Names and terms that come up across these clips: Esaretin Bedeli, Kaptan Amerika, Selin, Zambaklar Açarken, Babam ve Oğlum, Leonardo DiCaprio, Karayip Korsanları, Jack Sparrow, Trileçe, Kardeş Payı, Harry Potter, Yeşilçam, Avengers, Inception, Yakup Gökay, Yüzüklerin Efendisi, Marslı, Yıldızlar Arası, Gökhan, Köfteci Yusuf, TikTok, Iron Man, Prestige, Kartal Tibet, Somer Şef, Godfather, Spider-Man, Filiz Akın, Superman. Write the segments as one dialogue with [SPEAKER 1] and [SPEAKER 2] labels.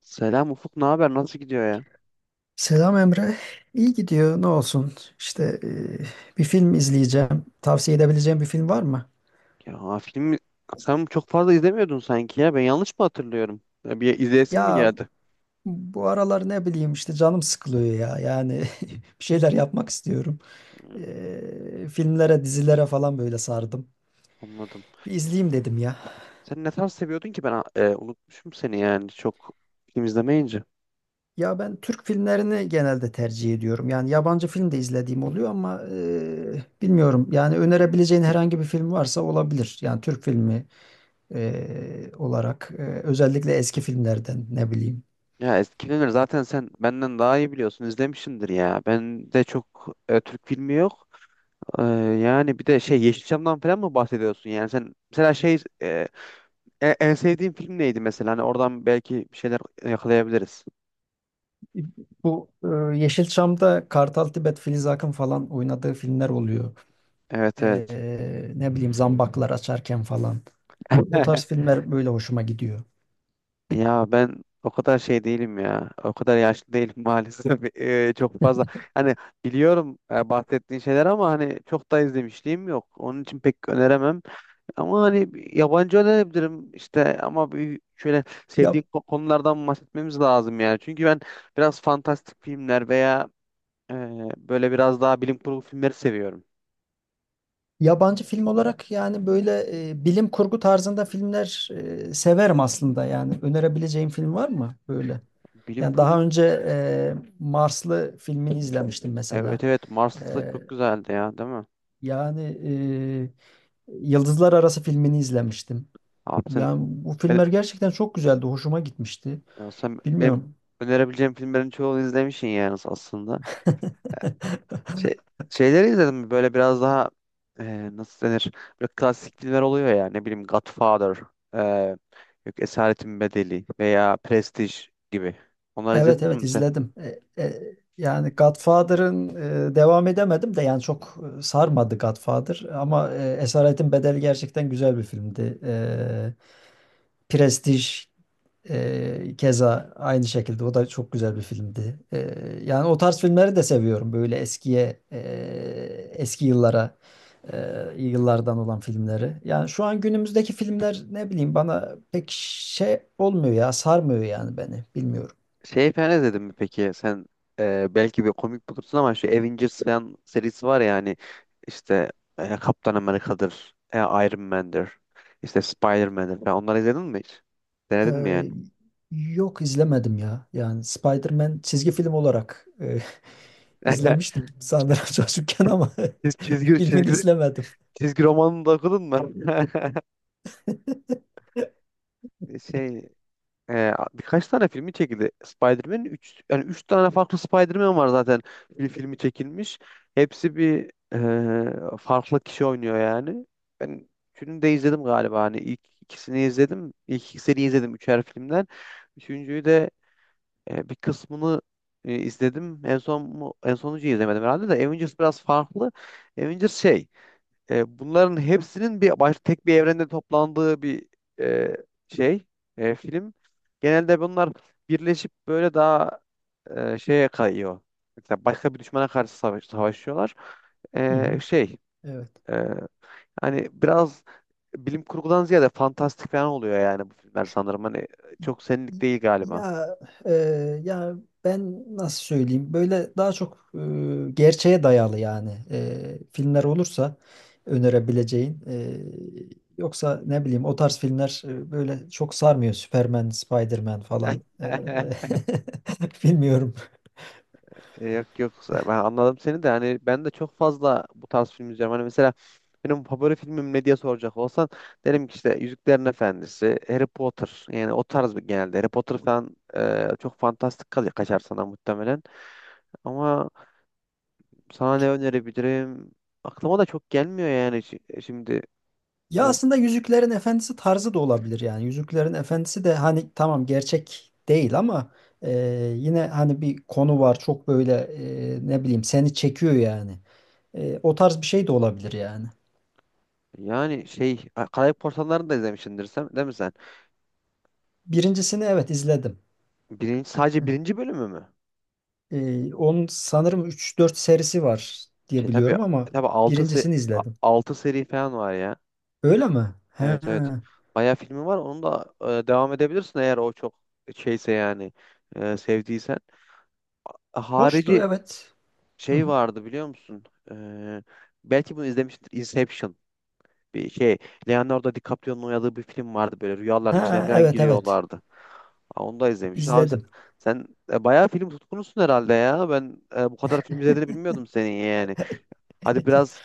[SPEAKER 1] Selam Ufuk, ne haber? Nasıl gidiyor ya?
[SPEAKER 2] Selam Emre. İyi gidiyor. Ne olsun? İşte bir film izleyeceğim. Tavsiye edebileceğim bir film var mı?
[SPEAKER 1] Ya ha, filmi sen çok fazla izlemiyordun sanki ya. Ben yanlış mı hatırlıyorum? Ya bir izleyesin mi
[SPEAKER 2] Ya
[SPEAKER 1] geldi?
[SPEAKER 2] bu aralar ne bileyim işte canım sıkılıyor ya. Yani bir şeyler yapmak istiyorum.
[SPEAKER 1] Hmm,
[SPEAKER 2] E, filmlere, dizilere falan böyle sardım.
[SPEAKER 1] anladım.
[SPEAKER 2] Bir izleyeyim dedim ya.
[SPEAKER 1] Sen ne tarz seviyordun ki ben unutmuşum seni yani çok film izlemeyince.
[SPEAKER 2] Ya ben Türk filmlerini genelde tercih ediyorum. Yani yabancı film de izlediğim oluyor ama bilmiyorum. Yani önerebileceğin herhangi bir film varsa olabilir. Yani Türk filmi olarak özellikle eski filmlerden ne bileyim.
[SPEAKER 1] Ya eskileri zaten sen benden daha iyi biliyorsun izlemişsindir ya. Ben de çok Türk filmi yok. E, Yani bir de şey Yeşilçam'dan falan mı bahsediyorsun? Yani sen mesela şey en sevdiğin film neydi mesela? Hani oradan belki bir şeyler yakalayabiliriz.
[SPEAKER 2] Bu e, Yeşilçam'da Kartal Tibet, Filiz Akın falan oynadığı filmler oluyor.
[SPEAKER 1] Evet evet.
[SPEAKER 2] Ne bileyim Zambaklar Açarken falan. O tarz filmler böyle hoşuma gidiyor.
[SPEAKER 1] Ya ben o kadar şey değilim ya. O kadar yaşlı değilim maalesef. Çok fazla. Hani biliyorum bahsettiğin şeyler ama hani çok da izlemişliğim yok. Onun için pek öneremem. Ama hani bir yabancı önerebilirim işte ama bir şöyle
[SPEAKER 2] Ya,
[SPEAKER 1] sevdiğin konulardan bahsetmemiz lazım yani. Çünkü ben biraz fantastik filmler veya e, böyle biraz daha bilim kurgu filmleri seviyorum.
[SPEAKER 2] yabancı film olarak yani böyle bilim kurgu tarzında filmler severim aslında yani. Önerebileceğim film var mı böyle?
[SPEAKER 1] Bilim
[SPEAKER 2] Yani
[SPEAKER 1] kurgu
[SPEAKER 2] daha önce Marslı filmini izlemiştim mesela.
[SPEAKER 1] evet evet,
[SPEAKER 2] E,
[SPEAKER 1] Mars'ta çok güzeldi ya değil mi?
[SPEAKER 2] yani e, Yıldızlar Arası filmini izlemiştim.
[SPEAKER 1] Abi sen.
[SPEAKER 2] Yani bu filmler gerçekten çok güzeldi. Hoşuma gitmişti.
[SPEAKER 1] Ya sen benim
[SPEAKER 2] Bilmiyorum.
[SPEAKER 1] önerebileceğim filmlerin çoğunu izlemişsin yani aslında. Şey, şeyleri izledim mi? Böyle biraz daha nasıl denir? Böyle klasik filmler oluyor ya ne bileyim Godfather, e, yok, Esaretin Bedeli veya Prestige gibi. Onları
[SPEAKER 2] Evet
[SPEAKER 1] izledin
[SPEAKER 2] evet
[SPEAKER 1] mi sen?
[SPEAKER 2] izledim. Yani Godfather'ın devam edemedim de yani çok sarmadı Godfather ama Esaretin Bedeli gerçekten güzel bir filmdi. Prestige, keza aynı şekilde o da çok güzel bir filmdi. Yani o tarz filmleri de seviyorum. Böyle eskiye, eski yıllara, e, yıllardan olan filmleri. Yani şu an günümüzdeki filmler ne bileyim bana pek şey olmuyor ya, sarmıyor yani beni. Bilmiyorum.
[SPEAKER 1] Şey falan izledin mi peki? Sen belki bir komik bulursun ama şu Avengers falan serisi var ya hani işte Kaptan Amerika'dır, Iron Man'dir, işte Spider-Man'dir falan. Onları izledin mi hiç? Denedin mi yani?
[SPEAKER 2] Ee, Yok izlemedim ya. Yani Spider-Man çizgi film olarak izlemiştim sanırım çocukken ama
[SPEAKER 1] Çiz- Çizgi,
[SPEAKER 2] filmini
[SPEAKER 1] çizgi,
[SPEAKER 2] izlemedim.
[SPEAKER 1] çizgi romanını da okudun mu? Şey, birkaç tane filmi çekildi. Spider-Man 3, yani üç tane farklı Spider-Man var zaten, bir filmi çekilmiş. Hepsi bir farklı kişi oynuyor yani. Ben üçünü de izledim galiba. Hani ilk ikisini izledim. İlk ikisini izledim üçer filmden. Üçüncüyü de bir kısmını izledim. En son en sonuncuyu izlemedim herhalde de Avengers biraz farklı. Avengers şey, bunların hepsinin bir baş, tek bir evrende toplandığı bir e, şey film. Genelde bunlar birleşip böyle daha şeye kayıyor. Mesela başka bir düşmana karşı savaşıyorlar.
[SPEAKER 2] Hı hı.
[SPEAKER 1] E, şey
[SPEAKER 2] Evet.
[SPEAKER 1] e, hani biraz bilim kurgudan ziyade fantastik falan oluyor yani bu filmler sanırım. Hani çok senlik değil galiba.
[SPEAKER 2] Ya e, ya ben nasıl söyleyeyim böyle daha çok gerçeğe dayalı yani filmler olursa önerebileceğin yoksa ne bileyim o tarz filmler böyle çok sarmıyor Superman, Spiderman falan. Bilmiyorum.
[SPEAKER 1] Yok yok, ben anladım seni de hani ben de çok fazla bu tarz film izliyorum. Hani mesela benim favori filmim ne diye soracak olsan derim ki işte Yüzüklerin Efendisi, Harry Potter, yani o tarz bir genelde. Harry Potter falan çok fantastik kalıyor, kaçar sana muhtemelen. Ama sana ne önerebilirim? Aklıma da çok gelmiyor yani şimdi.
[SPEAKER 2] Ya
[SPEAKER 1] E,
[SPEAKER 2] aslında Yüzüklerin Efendisi tarzı da olabilir yani Yüzüklerin Efendisi de hani tamam gerçek değil ama e, yine hani bir konu var çok böyle ne bileyim seni çekiyor yani. O tarz bir şey de olabilir yani.
[SPEAKER 1] Yani şey, Karayip Korsanları'nı da izlemişsindir sen değil mi sen?
[SPEAKER 2] Birincisini evet izledim.
[SPEAKER 1] Birinci, sadece
[SPEAKER 2] Hı.
[SPEAKER 1] birinci bölümü mü?
[SPEAKER 2] Onun sanırım üç dört serisi var diye
[SPEAKER 1] Şey tabii
[SPEAKER 2] biliyorum ama
[SPEAKER 1] tabii 6
[SPEAKER 2] birincisini izledim.
[SPEAKER 1] 6 seri falan var ya.
[SPEAKER 2] Öyle mi? He.
[SPEAKER 1] Evet evet. Bayağı filmi var. Onu da devam edebilirsin eğer o çok şeyse yani sevdiysen.
[SPEAKER 2] Hoştu
[SPEAKER 1] Harici
[SPEAKER 2] evet. Hı
[SPEAKER 1] şey
[SPEAKER 2] hı.
[SPEAKER 1] vardı biliyor musun? E, Belki bunu izlemiştir. Inception. Bir şey. Leonardo DiCaprio'nun oynadığı bir film vardı, böyle rüyaların içine
[SPEAKER 2] Ha,
[SPEAKER 1] falan
[SPEAKER 2] evet evet
[SPEAKER 1] giriyorlardı. Ha, onu da izlemişsin. Abi sen,
[SPEAKER 2] izledim.
[SPEAKER 1] sen bayağı film tutkunusun herhalde ya. Ben bu kadar film izlediğini bilmiyordum senin yani. Hadi biraz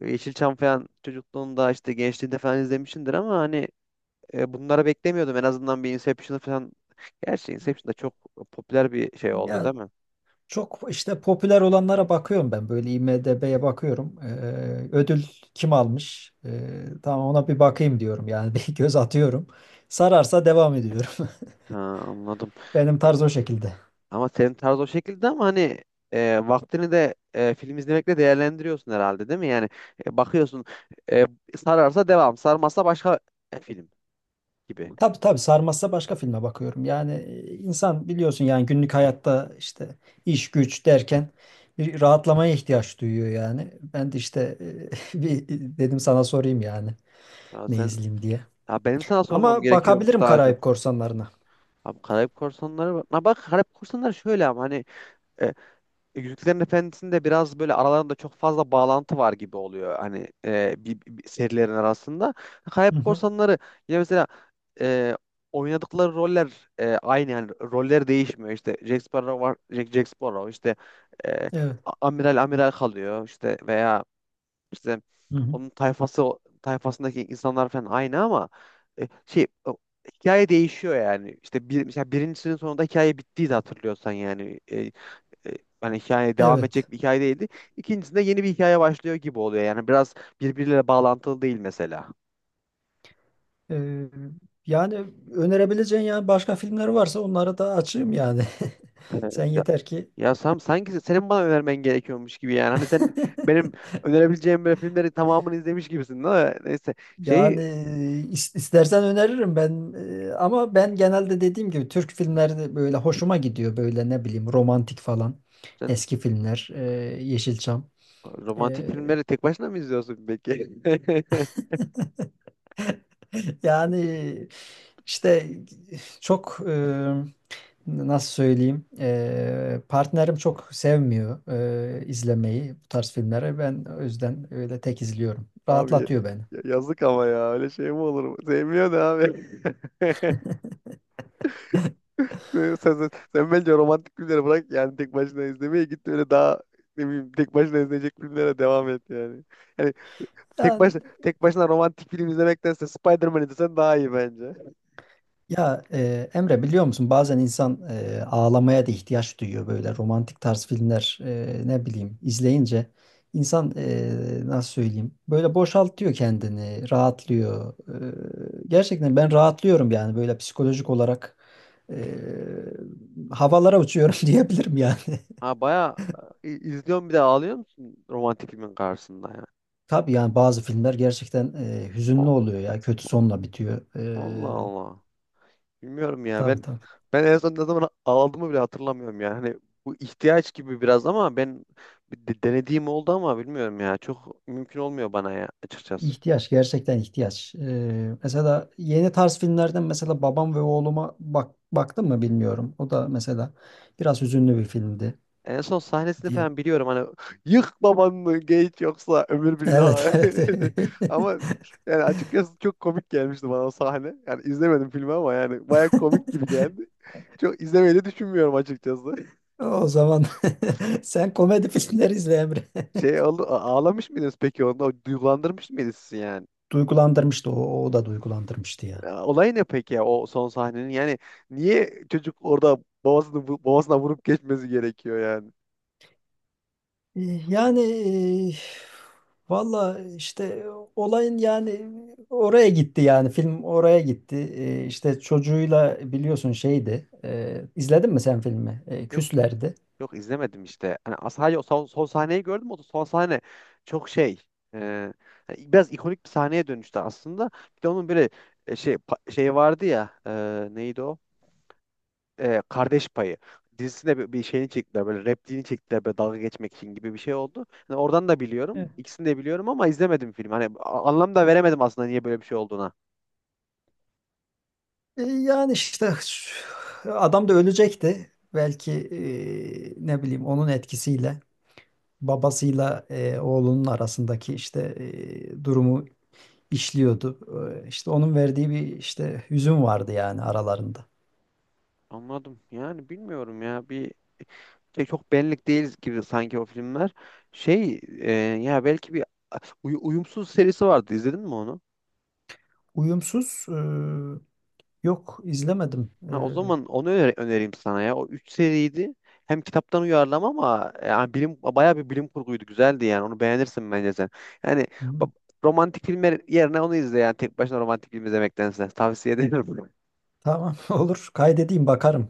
[SPEAKER 1] Yeşilçam falan çocukluğunda işte gençliğinde falan izlemişsindir ama hani bunları beklemiyordum. En azından bir Inception falan. Gerçi Inception da çok popüler bir şey oldu
[SPEAKER 2] Ya
[SPEAKER 1] değil mi?
[SPEAKER 2] çok işte popüler olanlara bakıyorum ben böyle IMDb'ye bakıyorum. Ödül kim almış? Tamam ona bir bakayım diyorum yani bir göz atıyorum. Sararsa devam ediyorum.
[SPEAKER 1] Ha, anladım.
[SPEAKER 2] Benim tarz o şekilde.
[SPEAKER 1] Ama senin tarz o şekilde ama hani vaktini de film izlemekle değerlendiriyorsun herhalde değil mi? Yani bakıyorsun, e, sararsa devam, sarmazsa başka film gibi.
[SPEAKER 2] Tabii tabii sarmazsa başka filme bakıyorum. Yani insan biliyorsun yani günlük hayatta işte iş güç derken bir rahatlamaya ihtiyaç duyuyor yani. Ben de işte bir dedim sana sorayım yani
[SPEAKER 1] Ya
[SPEAKER 2] ne
[SPEAKER 1] sen,
[SPEAKER 2] izleyeyim diye.
[SPEAKER 1] ya benim sana sormam
[SPEAKER 2] Ama
[SPEAKER 1] gerekiyormuş
[SPEAKER 2] bakabilirim
[SPEAKER 1] daha
[SPEAKER 2] Karayip
[SPEAKER 1] çok.
[SPEAKER 2] Korsanları'na.
[SPEAKER 1] Abi Karayip Korsanları bak. Ha bak, Karayip Korsanları şöyle ama hani e, Yüzüklerin Efendisi'nde biraz böyle aralarında çok fazla bağlantı var gibi oluyor hani bir serilerin arasında.
[SPEAKER 2] Hı
[SPEAKER 1] Kayıp
[SPEAKER 2] hı.
[SPEAKER 1] Korsanları yine mesela e, oynadıkları roller aynı yani roller değişmiyor. İşte Jack Sparrow var, Jack Sparrow işte e,
[SPEAKER 2] Evet.
[SPEAKER 1] amiral kalıyor işte veya işte
[SPEAKER 2] Hı hı.
[SPEAKER 1] onun tayfasındaki insanlar falan aynı ama e, şey o- hikaye değişiyor yani. İşte mesela birincisinin sonunda hikaye bittiği de hatırlıyorsan yani. E, Hani hikaye devam
[SPEAKER 2] Evet.
[SPEAKER 1] edecek bir hikaye değildi. İkincisinde yeni bir hikaye başlıyor gibi oluyor. Yani biraz birbiriyle bağlantılı değil mesela.
[SPEAKER 2] Ee, Yani önerebileceğin yani başka filmler varsa onları da açayım yani. Sen
[SPEAKER 1] Evet, ya,
[SPEAKER 2] yeter ki.
[SPEAKER 1] ya Sam, sanki senin bana önermen gerekiyormuş gibi yani. Hani sen benim önerebileceğim böyle filmleri tamamını izlemiş gibisin değil mi? Neyse,
[SPEAKER 2] Yani
[SPEAKER 1] şey,
[SPEAKER 2] istersen öneririm ben, ama ben genelde dediğim gibi Türk filmleri böyle hoşuma gidiyor böyle ne bileyim romantik falan
[SPEAKER 1] sen
[SPEAKER 2] eski filmler, Yeşilçam.
[SPEAKER 1] romantik
[SPEAKER 2] E,
[SPEAKER 1] filmleri tek başına mı izliyorsun peki?
[SPEAKER 2] Yani işte çok nasıl söyleyeyim, partnerim çok sevmiyor izlemeyi bu tarz filmleri, ben o yüzden öyle tek izliyorum,
[SPEAKER 1] Abi
[SPEAKER 2] rahatlatıyor beni.
[SPEAKER 1] yazık ama ya, öyle şey mi olur? Sevmiyor da abi. Sen, sen, sen bence romantik filmleri bırak yani tek başına izlemeye git, öyle daha ne bileyim tek başına izleyecek filmlere devam et yani. Yani tek
[SPEAKER 2] Yani
[SPEAKER 1] başına tek başına romantik film izlemektense Spider-Man izlesen daha iyi bence.
[SPEAKER 2] ya Emre biliyor musun bazen insan ağlamaya da ihtiyaç duyuyor böyle romantik tarz filmler ne bileyim izleyince insan nasıl söyleyeyim böyle boşaltıyor kendini rahatlıyor. Gerçekten ben rahatlıyorum yani böyle psikolojik olarak e, havalara uçuyorum diyebilirim yani.
[SPEAKER 1] Ha bayağı izliyorsun, bir de ağlıyor musun romantik filmin karşısında yani?
[SPEAKER 2] Tabii yani bazı filmler gerçekten
[SPEAKER 1] O,
[SPEAKER 2] hüzünlü oluyor ya, kötü sonla bitiyor.
[SPEAKER 1] Allah
[SPEAKER 2] E,
[SPEAKER 1] Allah. Bilmiyorum ya,
[SPEAKER 2] tabii tabii.
[SPEAKER 1] ben en son ne zaman ağladığımı bile hatırlamıyorum yani. Hani bu ihtiyaç gibi biraz ama ben bir denediğim oldu ama bilmiyorum ya, çok mümkün olmuyor bana ya açıkçası.
[SPEAKER 2] ihtiyaç gerçekten ihtiyaç. Mesela yeni tarz filmlerden mesela Babam ve Oğluma bak baktım mı bilmiyorum. O da mesela biraz hüzünlü bir filmdi
[SPEAKER 1] En son sahnesini
[SPEAKER 2] diye.
[SPEAKER 1] falan biliyorum, hani yık babanı geç yoksa ömür
[SPEAKER 2] Evet
[SPEAKER 1] billah.
[SPEAKER 2] evet.
[SPEAKER 1] Ama yani açıkçası çok komik gelmişti bana o sahne. Yani izlemedim filmi ama yani baya komik gibi geldi. Çok izlemeyi de düşünmüyorum açıkçası.
[SPEAKER 2] O zaman sen komedi filmleri izle Emre.
[SPEAKER 1] Şey oldu, ağlamış mıydınız peki onda? O, duygulandırmış mıydınız sizi yani?
[SPEAKER 2] Duygulandırmıştı, o, o da duygulandırmıştı ya.
[SPEAKER 1] Ya, olay ne peki ya o son sahnenin? Yani niye çocuk orada babasına vurup geçmesi gerekiyor yani?
[SPEAKER 2] E, Yani e, valla işte olayın yani oraya gitti yani, film oraya gitti. E, işte çocuğuyla biliyorsun şeydi. E, izledin mi sen filmi? E, küslerdi.
[SPEAKER 1] Yok, izlemedim işte. Hani sadece o son sahneyi gördüm. O da son sahne çok şey. e, Hani biraz ikonik bir sahneye dönüştü aslında. Bir de onun böyle şey vardı ya. Neydi o? E, Kardeş Payı dizisinde bir şeyini çektiler. Böyle repliğini çektiler. Böyle dalga geçmek için gibi bir şey oldu. Hani oradan da biliyorum.
[SPEAKER 2] Evet.
[SPEAKER 1] İkisini de biliyorum ama izlemedim filmi. Hani anlam da veremedim aslında niye böyle bir şey olduğuna.
[SPEAKER 2] Yani işte adam da ölecekti. Belki ne bileyim onun etkisiyle babasıyla oğlunun arasındaki işte durumu işliyordu. İşte onun verdiği bir işte hüzün vardı yani aralarında.
[SPEAKER 1] Anladım. Yani bilmiyorum ya. Çok benlik değil gibi sanki o filmler. Ya belki bir uyumsuz serisi vardı. İzledin mi onu?
[SPEAKER 2] Uyumsuz, yok izlemedim.
[SPEAKER 1] Ha, o zaman onu önereyim sana ya. O 3 seriydi. Hem kitaptan uyarlama ama yani bayağı bir bilim kurguydu. Güzeldi yani. Onu beğenirsin bence sen. Yani
[SPEAKER 2] Hı,
[SPEAKER 1] ba- romantik filmler yerine onu izle, yani tek başına romantik film izlemektense tavsiye ederim.
[SPEAKER 2] tamam olur, kaydedeyim bakarım.